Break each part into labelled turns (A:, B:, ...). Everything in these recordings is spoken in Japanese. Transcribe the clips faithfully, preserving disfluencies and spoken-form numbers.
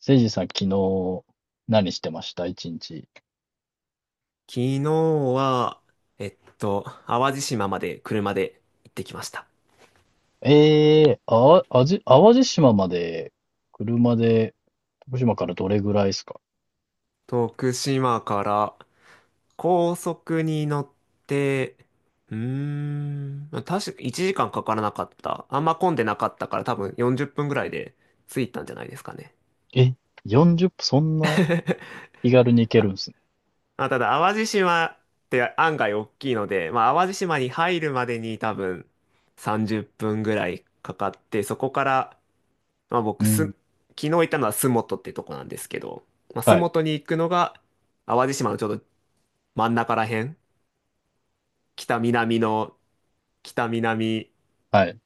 A: せいじさん、昨日、何してました一日？
B: 昨日は、えっと、淡路島まで車で行ってきました。
A: ええーあ、あじ、淡路島まで、車で、徳島からどれぐらいですか？
B: 徳島から高速に乗って、うーん、確かいちじかんかんかからなかった。あんま混んでなかったから多分よんじゅっぷんぐらいで着いたんじゃないですかね。
A: え、よんじゅっぷん、そんな 気軽に行ける
B: あ、
A: んですね。
B: まあただ淡路島って案外大きいので、まあ淡路島に入るまでに多分さんじゅっぷんぐらいかかって、そこからまあ
A: う
B: 僕す、
A: ん。
B: 昨日行ったのは洲本ってとこなんですけど、まあ、洲
A: はい、
B: 本に行くのが淡路島のちょうど真ん中らへん、北南の、北南
A: はい、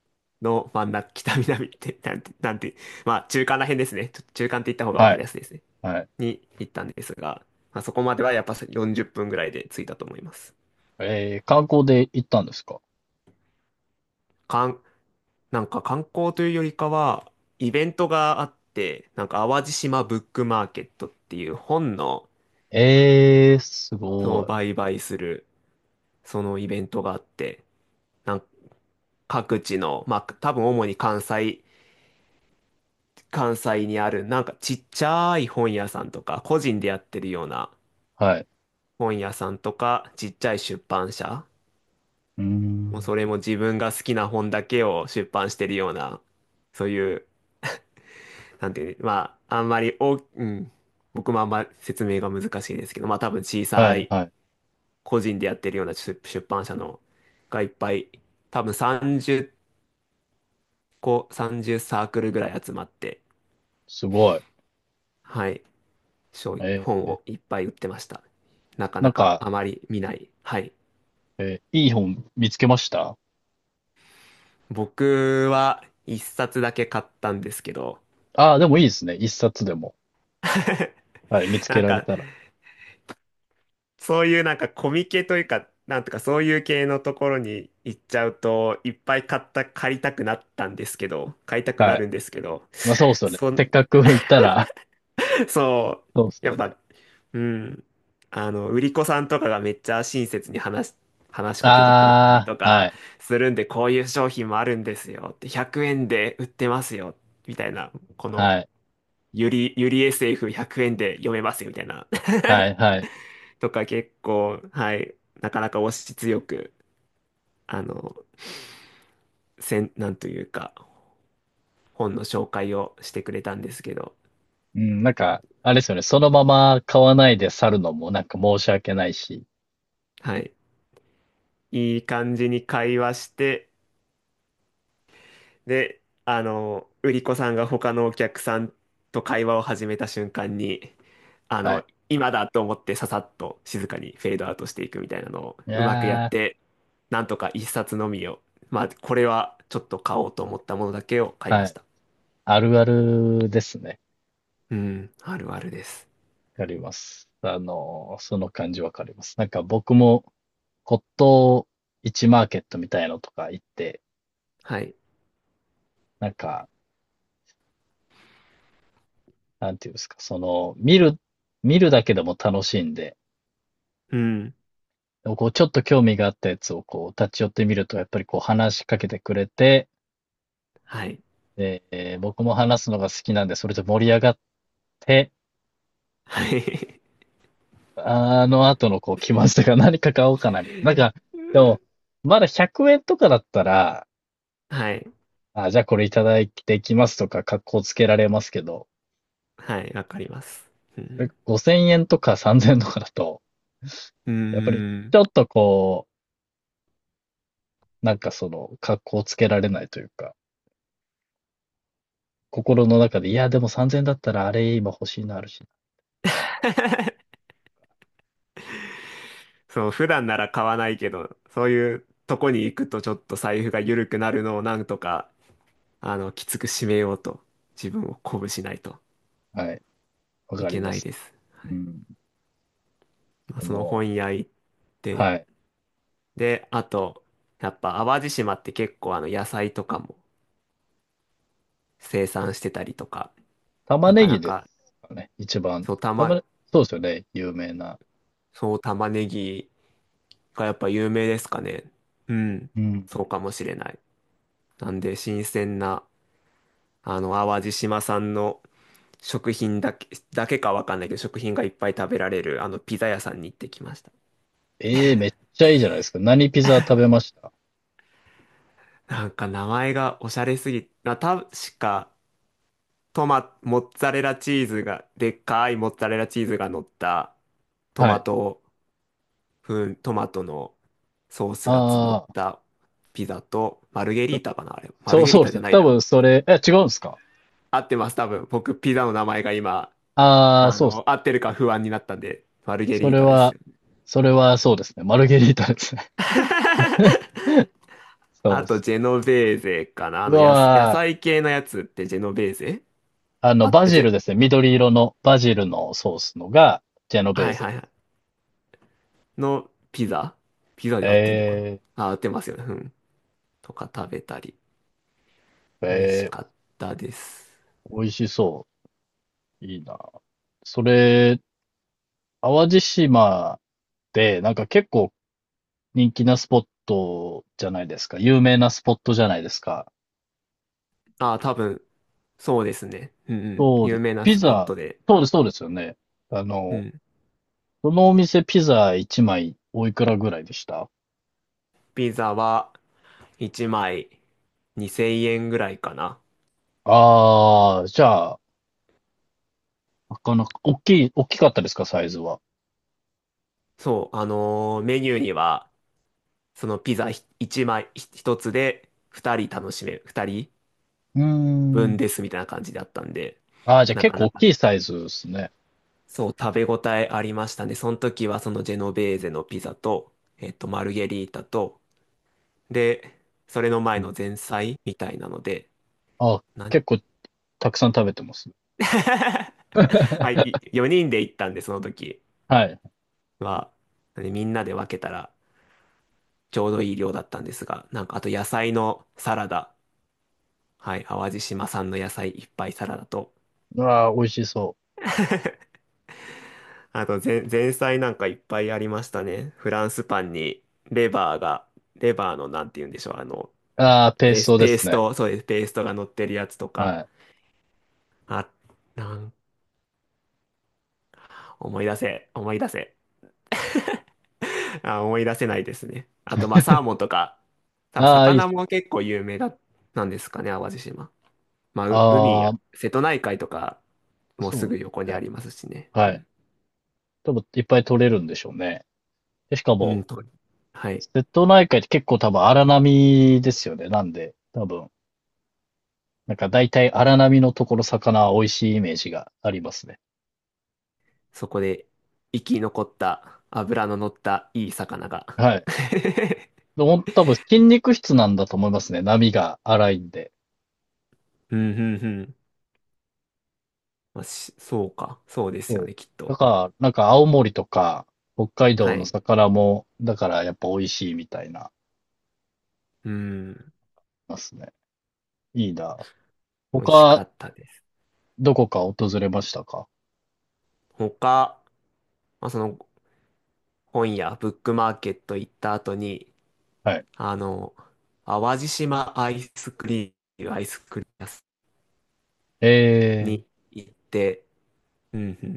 B: の真ん中、北南って、なんて、なんて、まあ中間らへんですね。ちょっと中間って言った方が分
A: は
B: か
A: い、
B: りやすいですね。
A: はい。
B: に行ったんですが、まあ、そこまではやっぱよんじゅっぷんぐらいで着いたと思います。
A: えー、観光で行ったんですか？
B: かん、なんか観光というよりかは、イベントがあって、なんか淡路島ブックマーケットっていう本の、
A: ええ、す
B: そ
A: ご
B: う、
A: い。
B: 売買する、そのイベントがあって、なんか各地の、まあ多分主に関西、関西にあるなんかちっちゃい本屋さんとか、個人でやってるような
A: はい。
B: 本屋さんとか、ちっちゃい出版社、
A: うー
B: もうそ
A: ん。
B: れも自分が好きな本だけを出版してるような、そういう、なんていう、まああんまり大き、うん、僕もあんまり説明が難しいですけど、まあ多分小
A: は
B: さ
A: い、
B: い
A: はい。
B: 個人でやってるような出出版社のがいっぱい、多分30こうさんじゅうサークルぐらい集まって、
A: すごい。
B: はい、書
A: え
B: 本
A: ー、
B: をいっぱい売ってました。なか
A: な
B: な
A: ん
B: か
A: か、
B: あまり見ない。はい。
A: えーいい本見つけました？
B: 僕は一冊だけ買ったんですけど、
A: ああー、でもいいですね。一冊でも。はい、見つ
B: な
A: け
B: ん
A: られ
B: か、
A: たら。
B: そういうなんかコミケというか、なんとかそういう系のところに行っちゃうと、いっぱい買った、借りたくなったんですけど、買いたくな
A: はい。
B: るんですけど、
A: まあそうっすよね。
B: そ、
A: せっかく行ったら、
B: そ
A: そうっす
B: う。や
A: よ
B: っ
A: ね。
B: ぱ、うん。あの、売り子さんとかがめっちゃ親切に話し、話しかけてくれたり
A: あ
B: と
A: あ、は
B: か
A: い、
B: するんで、こういう商品もあるんですよって、ひゃくえんで売ってますよ、みたいな、この、
A: はい、
B: ゆり、ゆり エスエフひゃく 円で読めますよ、みたいな。
A: はい、はい。
B: とか結構、はい、なかなか押し強く、あの、せん、なんというか、本の紹介をしてくれたんですけど、
A: うん、なんか、あれですよね。そのまま買わないで去るのもなんか申し訳ないし。
B: はい。いい感じに会話して、で、あの、売り子さんが他のお客さんと会話を始めた瞬間に、あ
A: は
B: の、
A: い。
B: 今だと思ってささっと静かにフェードアウトしていくみたいなのを
A: い
B: うまくやっ
A: や
B: て、なんとか一冊のみを、まあ、これはちょっと買おうと思ったものだけを買
A: ー、
B: いま
A: は
B: し
A: い。
B: た。
A: あるあるですね。
B: うん、あるあるです。
A: わかります。あのー、その感じわかります。なんか僕も骨董市マーケットみたいのとか行って、
B: はい。
A: なんか、なんていうんですか、その、見る、見るだけでも楽しいんで、
B: うん、
A: でもこう、ちょっと興味があったやつをこう、立ち寄ってみると、やっぱりこう話しかけてくれて、
B: はい。
A: えー僕も話すのが好きなんで、それで盛り上がって、
B: はい。
A: あの後のこう、来ましたが何か買おうかな、みたいな。なんか、でも、まだひゃくえんとかだったら、
B: はい。
A: あ、じゃあこれいただいてきますとか、格好つけられますけど、
B: はい、わかります。う
A: それ
B: ん。
A: ごせんえんとかさんぜんえんとかだと、
B: うー
A: やっぱりち
B: ん。
A: ょっとこう、なんかその、格好つけられないというか、心の中で、いや、でもさんぜんえんだったらあれ今欲しいのあるし、
B: そう、普段なら買わないけど、そういうとこに行くとちょっと財布が緩くなるのをなんとか、あの、きつく締めようと、自分を鼓舞しないと
A: はい。わ
B: い
A: か
B: け
A: りま
B: ない
A: す。
B: です。は
A: う
B: い。
A: ん。
B: まあ、
A: そ
B: その
A: の、
B: 本屋行って、
A: はい。
B: で、あと、やっぱ淡路島って結構あの野菜とかも生産してたりとか、な
A: 玉ね
B: かな
A: ぎで
B: か、
A: すかね。一番。
B: そう、た
A: 玉
B: ま、
A: ね、そうですよね。有名な。
B: そう、玉ねぎがやっぱ有名ですかね。うん、
A: うん。
B: そうかもしれない。なんで、新鮮な、あの、淡路島産の食品だけ、だけかわかんないけど、食品がいっぱい食べられる、あの、ピザ屋さんに行ってきました。
A: ええ、めっちゃいいじゃないですか。何ピザ食べました？
B: なんか名前がおしゃれすぎ、な、確か、トマ、モッツァレラチーズが、でっかいモッツァレラチーズが乗った、ト
A: は
B: マ
A: い。
B: ト、ふん、トマトのソースがつ乗っ
A: ああ、
B: たピザと、マルゲリ
A: そ
B: ータかな、あれ。マ
A: そ
B: ル
A: う、
B: ゲリ
A: そ
B: ー
A: うで
B: タ
A: す
B: じゃ
A: ね。
B: ない
A: 多
B: な。
A: 分それ、え、違うんですか？
B: 合ってます、多分。僕、ピザの名前が今、
A: ああー、
B: あ
A: そうです。
B: の、合ってるか不安になったんで、マルゲ
A: そ
B: リー
A: れ
B: タです
A: は、
B: よね。
A: それはそうですね。マルゲリータですね。そう
B: あ
A: で
B: と、
A: す。
B: ジェノベーゼかな。あ
A: う
B: の、やす、野
A: わ
B: 菜系のやつってジェノベーゼ
A: ー、あの、
B: あ、
A: バ
B: え、ジ
A: ジル
B: ェ、
A: ですね。緑色のバジルのソースのが、ジェノベー
B: はい
A: ゼ。
B: はいはい。のピザピザで合ってんのか
A: え
B: なあ、合ってますよね。うん。とか食べたり。
A: え
B: 美味し
A: え
B: かっ
A: え、
B: たです。
A: 美味しそう。いいな。それ、淡路島で、なんか結構人気なスポットじゃないですか。有名なスポットじゃないですか。
B: あ、多分、そうですね。うんうん。
A: そうで
B: 有
A: す。
B: 名な
A: ピ
B: スポッ
A: ザ、
B: トで。
A: そうです、そうですよね。あ
B: う
A: の、
B: ん。
A: そのお店ピザいちまいおいくらぐらいでした？
B: ピザはいちまいにせんえんぐらいかな。
A: ああ、じゃあ、なかなか、大きい、大きかったですか、サイズは。
B: そう、あのーメニューには、そのピザいちまいひとつでふたり楽しめる。2
A: うー
B: 人分
A: ん。
B: ですみたいな感じだったんで、
A: ああ、じゃあ
B: な
A: 結
B: か
A: 構
B: な
A: 大
B: か、
A: きいサイズですね。
B: そう、食べ応えありましたね。その時はそのジェノベーゼのピザと、えっと、マルゲリータと、で、それの
A: う
B: 前
A: ん。
B: の前菜みたいなので、
A: あ、
B: 何
A: 結構たくさん食べてます。
B: はい、よにんで行ったんで、その時
A: はい。
B: は。でみんなで分けたらちょうどいい量だったんですが、なんかあと野菜のサラダ、はい、淡路島産の野菜いっぱいサラダと、
A: ああ、美味しそ
B: あと前、前菜なんかいっぱいありましたね。フランスパンにレバーが、レバーのなんて言うんでしょう、あの、
A: う。ああ、ペー
B: ペー
A: ス
B: ス、
A: トで
B: ペ
A: す
B: ース
A: ね。
B: ト、そうです、ペーストが乗ってるやつとか、
A: はい。
B: あ、なん、思い出せ、思い出せ。あ、思い出せないですね。あと、まあ、サーモンとか、多分
A: ああ、いいっ
B: 魚
A: すね。
B: も結構有名だ、なんですかね、淡路島。まあ、う海
A: あ
B: や、
A: あ、
B: 瀬戸内海とか、もうす
A: そう
B: ぐ横
A: です
B: にあ
A: ね。
B: りますしね。う
A: はい。
B: ん、
A: 多分いっぱい取れるんでしょうね。で、しか
B: うん
A: も、
B: と、はい。
A: 瀬戸内海って結構多分荒波ですよね。なんで、多分、なんか大体荒波のところ魚は美味しいイメージがありますね。
B: そこで生き残った脂の乗ったいい魚が
A: はい。でも多分筋肉質なんだと思いますね。波が荒いんで。
B: うん、うん、うん。まあ、し、そうか。そうです
A: そ
B: よ
A: う。
B: ね、きっ
A: だ
B: と。
A: から、なんか青森とか北海道
B: は
A: の
B: い。
A: 魚も、だからやっぱ美味しいみたいな、
B: うん。
A: ますね。いいな。
B: 美味しか
A: 他、
B: ったです。
A: どこか訪れましたか？
B: 他、まあ、その本屋、ブックマーケット行った後に、
A: はい。
B: あの、淡路島アイスクリーム、アイスクリーム屋さ
A: え
B: ん
A: え、
B: に行って、うんうん。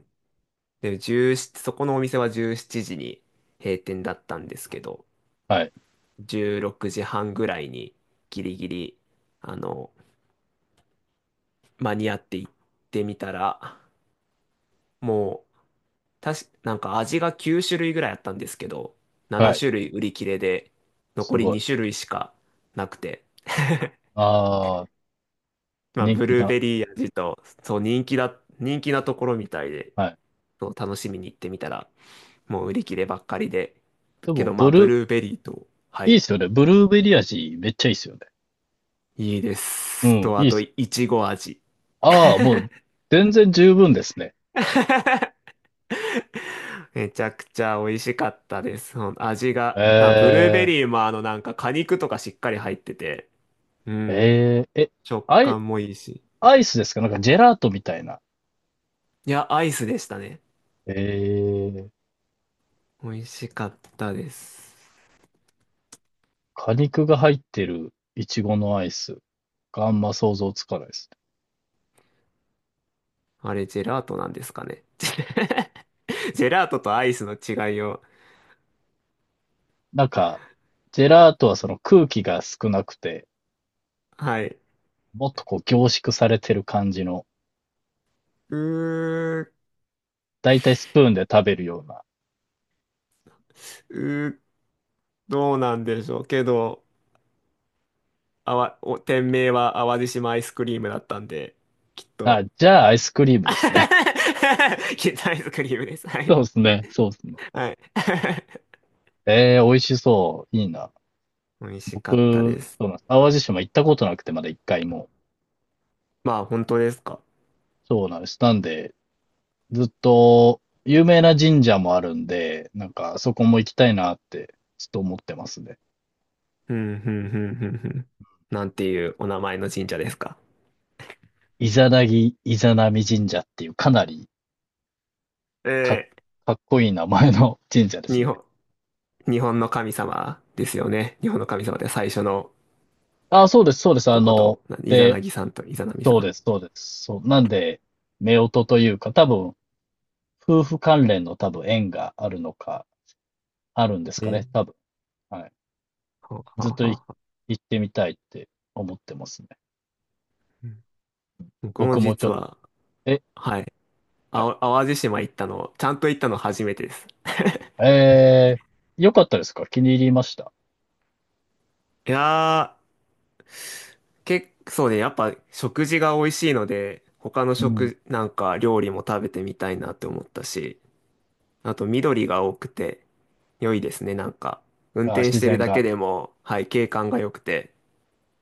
B: で、17、そこのお店はじゅうしちじに閉店だったんですけど、
A: はい、
B: じゅうろくじはんぐらいにギリギリ、あの、間に合って行ってみたら、もう、たし、なんか味がきゅう種類ぐらいあったんですけど、
A: は
B: なな
A: い、
B: 種類売り切れで、
A: す
B: 残り
A: ごい。
B: に種類しかなくて。
A: ああ、
B: まあ、
A: 人
B: ブ
A: 気
B: ルー
A: だ。
B: ベリー味と、そう、人気だ、人気なところみたいで、
A: はい。
B: そう、楽しみに行ってみたら、もう売り切ればっかりで、
A: で
B: け
A: も、
B: どま
A: ブ
B: あ、ブ
A: ルー、
B: ルーベリーと、は
A: いいっ
B: い、
A: すよね。ブルーベリー味、めっちゃいいっすよね。
B: いいで
A: う
B: す。
A: ん、
B: と、
A: い
B: あ
A: いっ
B: と、
A: す。
B: いちご味。
A: ああ、もう、全然十分ですね。
B: めちゃくちゃ美味しかったです。ほん味
A: え
B: が、な、ブルーベ
A: え、
B: リーもあのなんか果肉とかしっかり入ってて、うん、
A: ええ、え、
B: 食
A: アイ、
B: 感もいいし。
A: アイスですか？なんかジェラートみたいな。
B: いや、アイスでしたね。
A: ええ、
B: 美味しかったです。
A: 果肉が入ってるイチゴのアイスがあんま想像つかないですね。
B: あれ、ジェラートなんですかね。ジェラートとアイスの違いを。
A: なんか、ジェラートはその空気が少なくて、
B: はい。
A: もっとこう凝縮されてる感じの。
B: うー、
A: だいたいスプーンで食べるような。
B: うー、どうなんでしょう。けど、あわ、お、店名は淡路島アイスクリームだったんで、きっ
A: あ、
B: と
A: じゃあアイスクリーム
B: い
A: ですね。
B: や、アイスクリームです。は
A: そう
B: い。
A: ですね。そうですね。
B: はい。
A: えー美味しそう。いいな。
B: 美味し
A: 僕、
B: かったです。
A: そうなんです。淡路島行ったことなくて、まだ一回も。
B: まあ、本当ですか。
A: そうなんです。なんで、ずっと、有名な神社もあるんで、なんか、そこも行きたいなって、ちょっと思ってますね。
B: うん、うん、うん、うん、うん。なんていうお名前の神社ですか。
A: イザナギ、イザナミ神社っていう、かなりか、
B: え
A: かっこいい名前の 神社で
B: ー、
A: す
B: 日
A: ね。
B: 本、日本の神様ですよね。日本の神様で最初の
A: あ、そうです、そうです。あ
B: 男
A: の、
B: と、なイザ
A: で、
B: ナギさんとイザナミさ
A: そう
B: ん。
A: です、そうです。そう。なんで、夫婦というか、多分、夫婦関連の多分縁があるのか、あるんです
B: え
A: か
B: ー、
A: ね、多分。はい。
B: はあ
A: ずっ
B: は
A: と
B: あ
A: い
B: はあ
A: 行ってみたいって思ってますね。
B: うん僕も
A: 僕もち
B: 実
A: ょっと。
B: は、
A: え、
B: はい。
A: は
B: あ
A: い、
B: お淡路島行ったの、ちゃんと行ったの初めてです。
A: えー、よかったですか？気に入りました？
B: いやー、結構ね、やっぱ食事が美味しいので、他の
A: うん。
B: 食、なんか料理も食べてみたいなって思ったし、あと緑が多くて良いですね、なんか。運
A: あー、
B: 転
A: 自
B: してる
A: 然
B: だけ
A: が。
B: でも、はい、景観が良くて、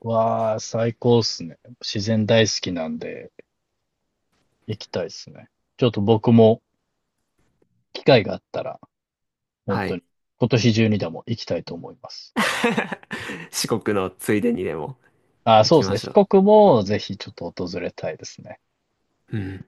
A: わあ、最高っすね。自然大好きなんで、行きたいっすね。ちょっと僕も機会があったら、本
B: は
A: 当
B: い。
A: に、今年中にでも行きたいと思います。
B: 四国のついでにでも
A: ああ、そ
B: 行
A: う
B: き
A: です
B: ま
A: ね。
B: し
A: 四
B: ょ
A: 国もぜひちょっと訪れたいですね。
B: う。うん。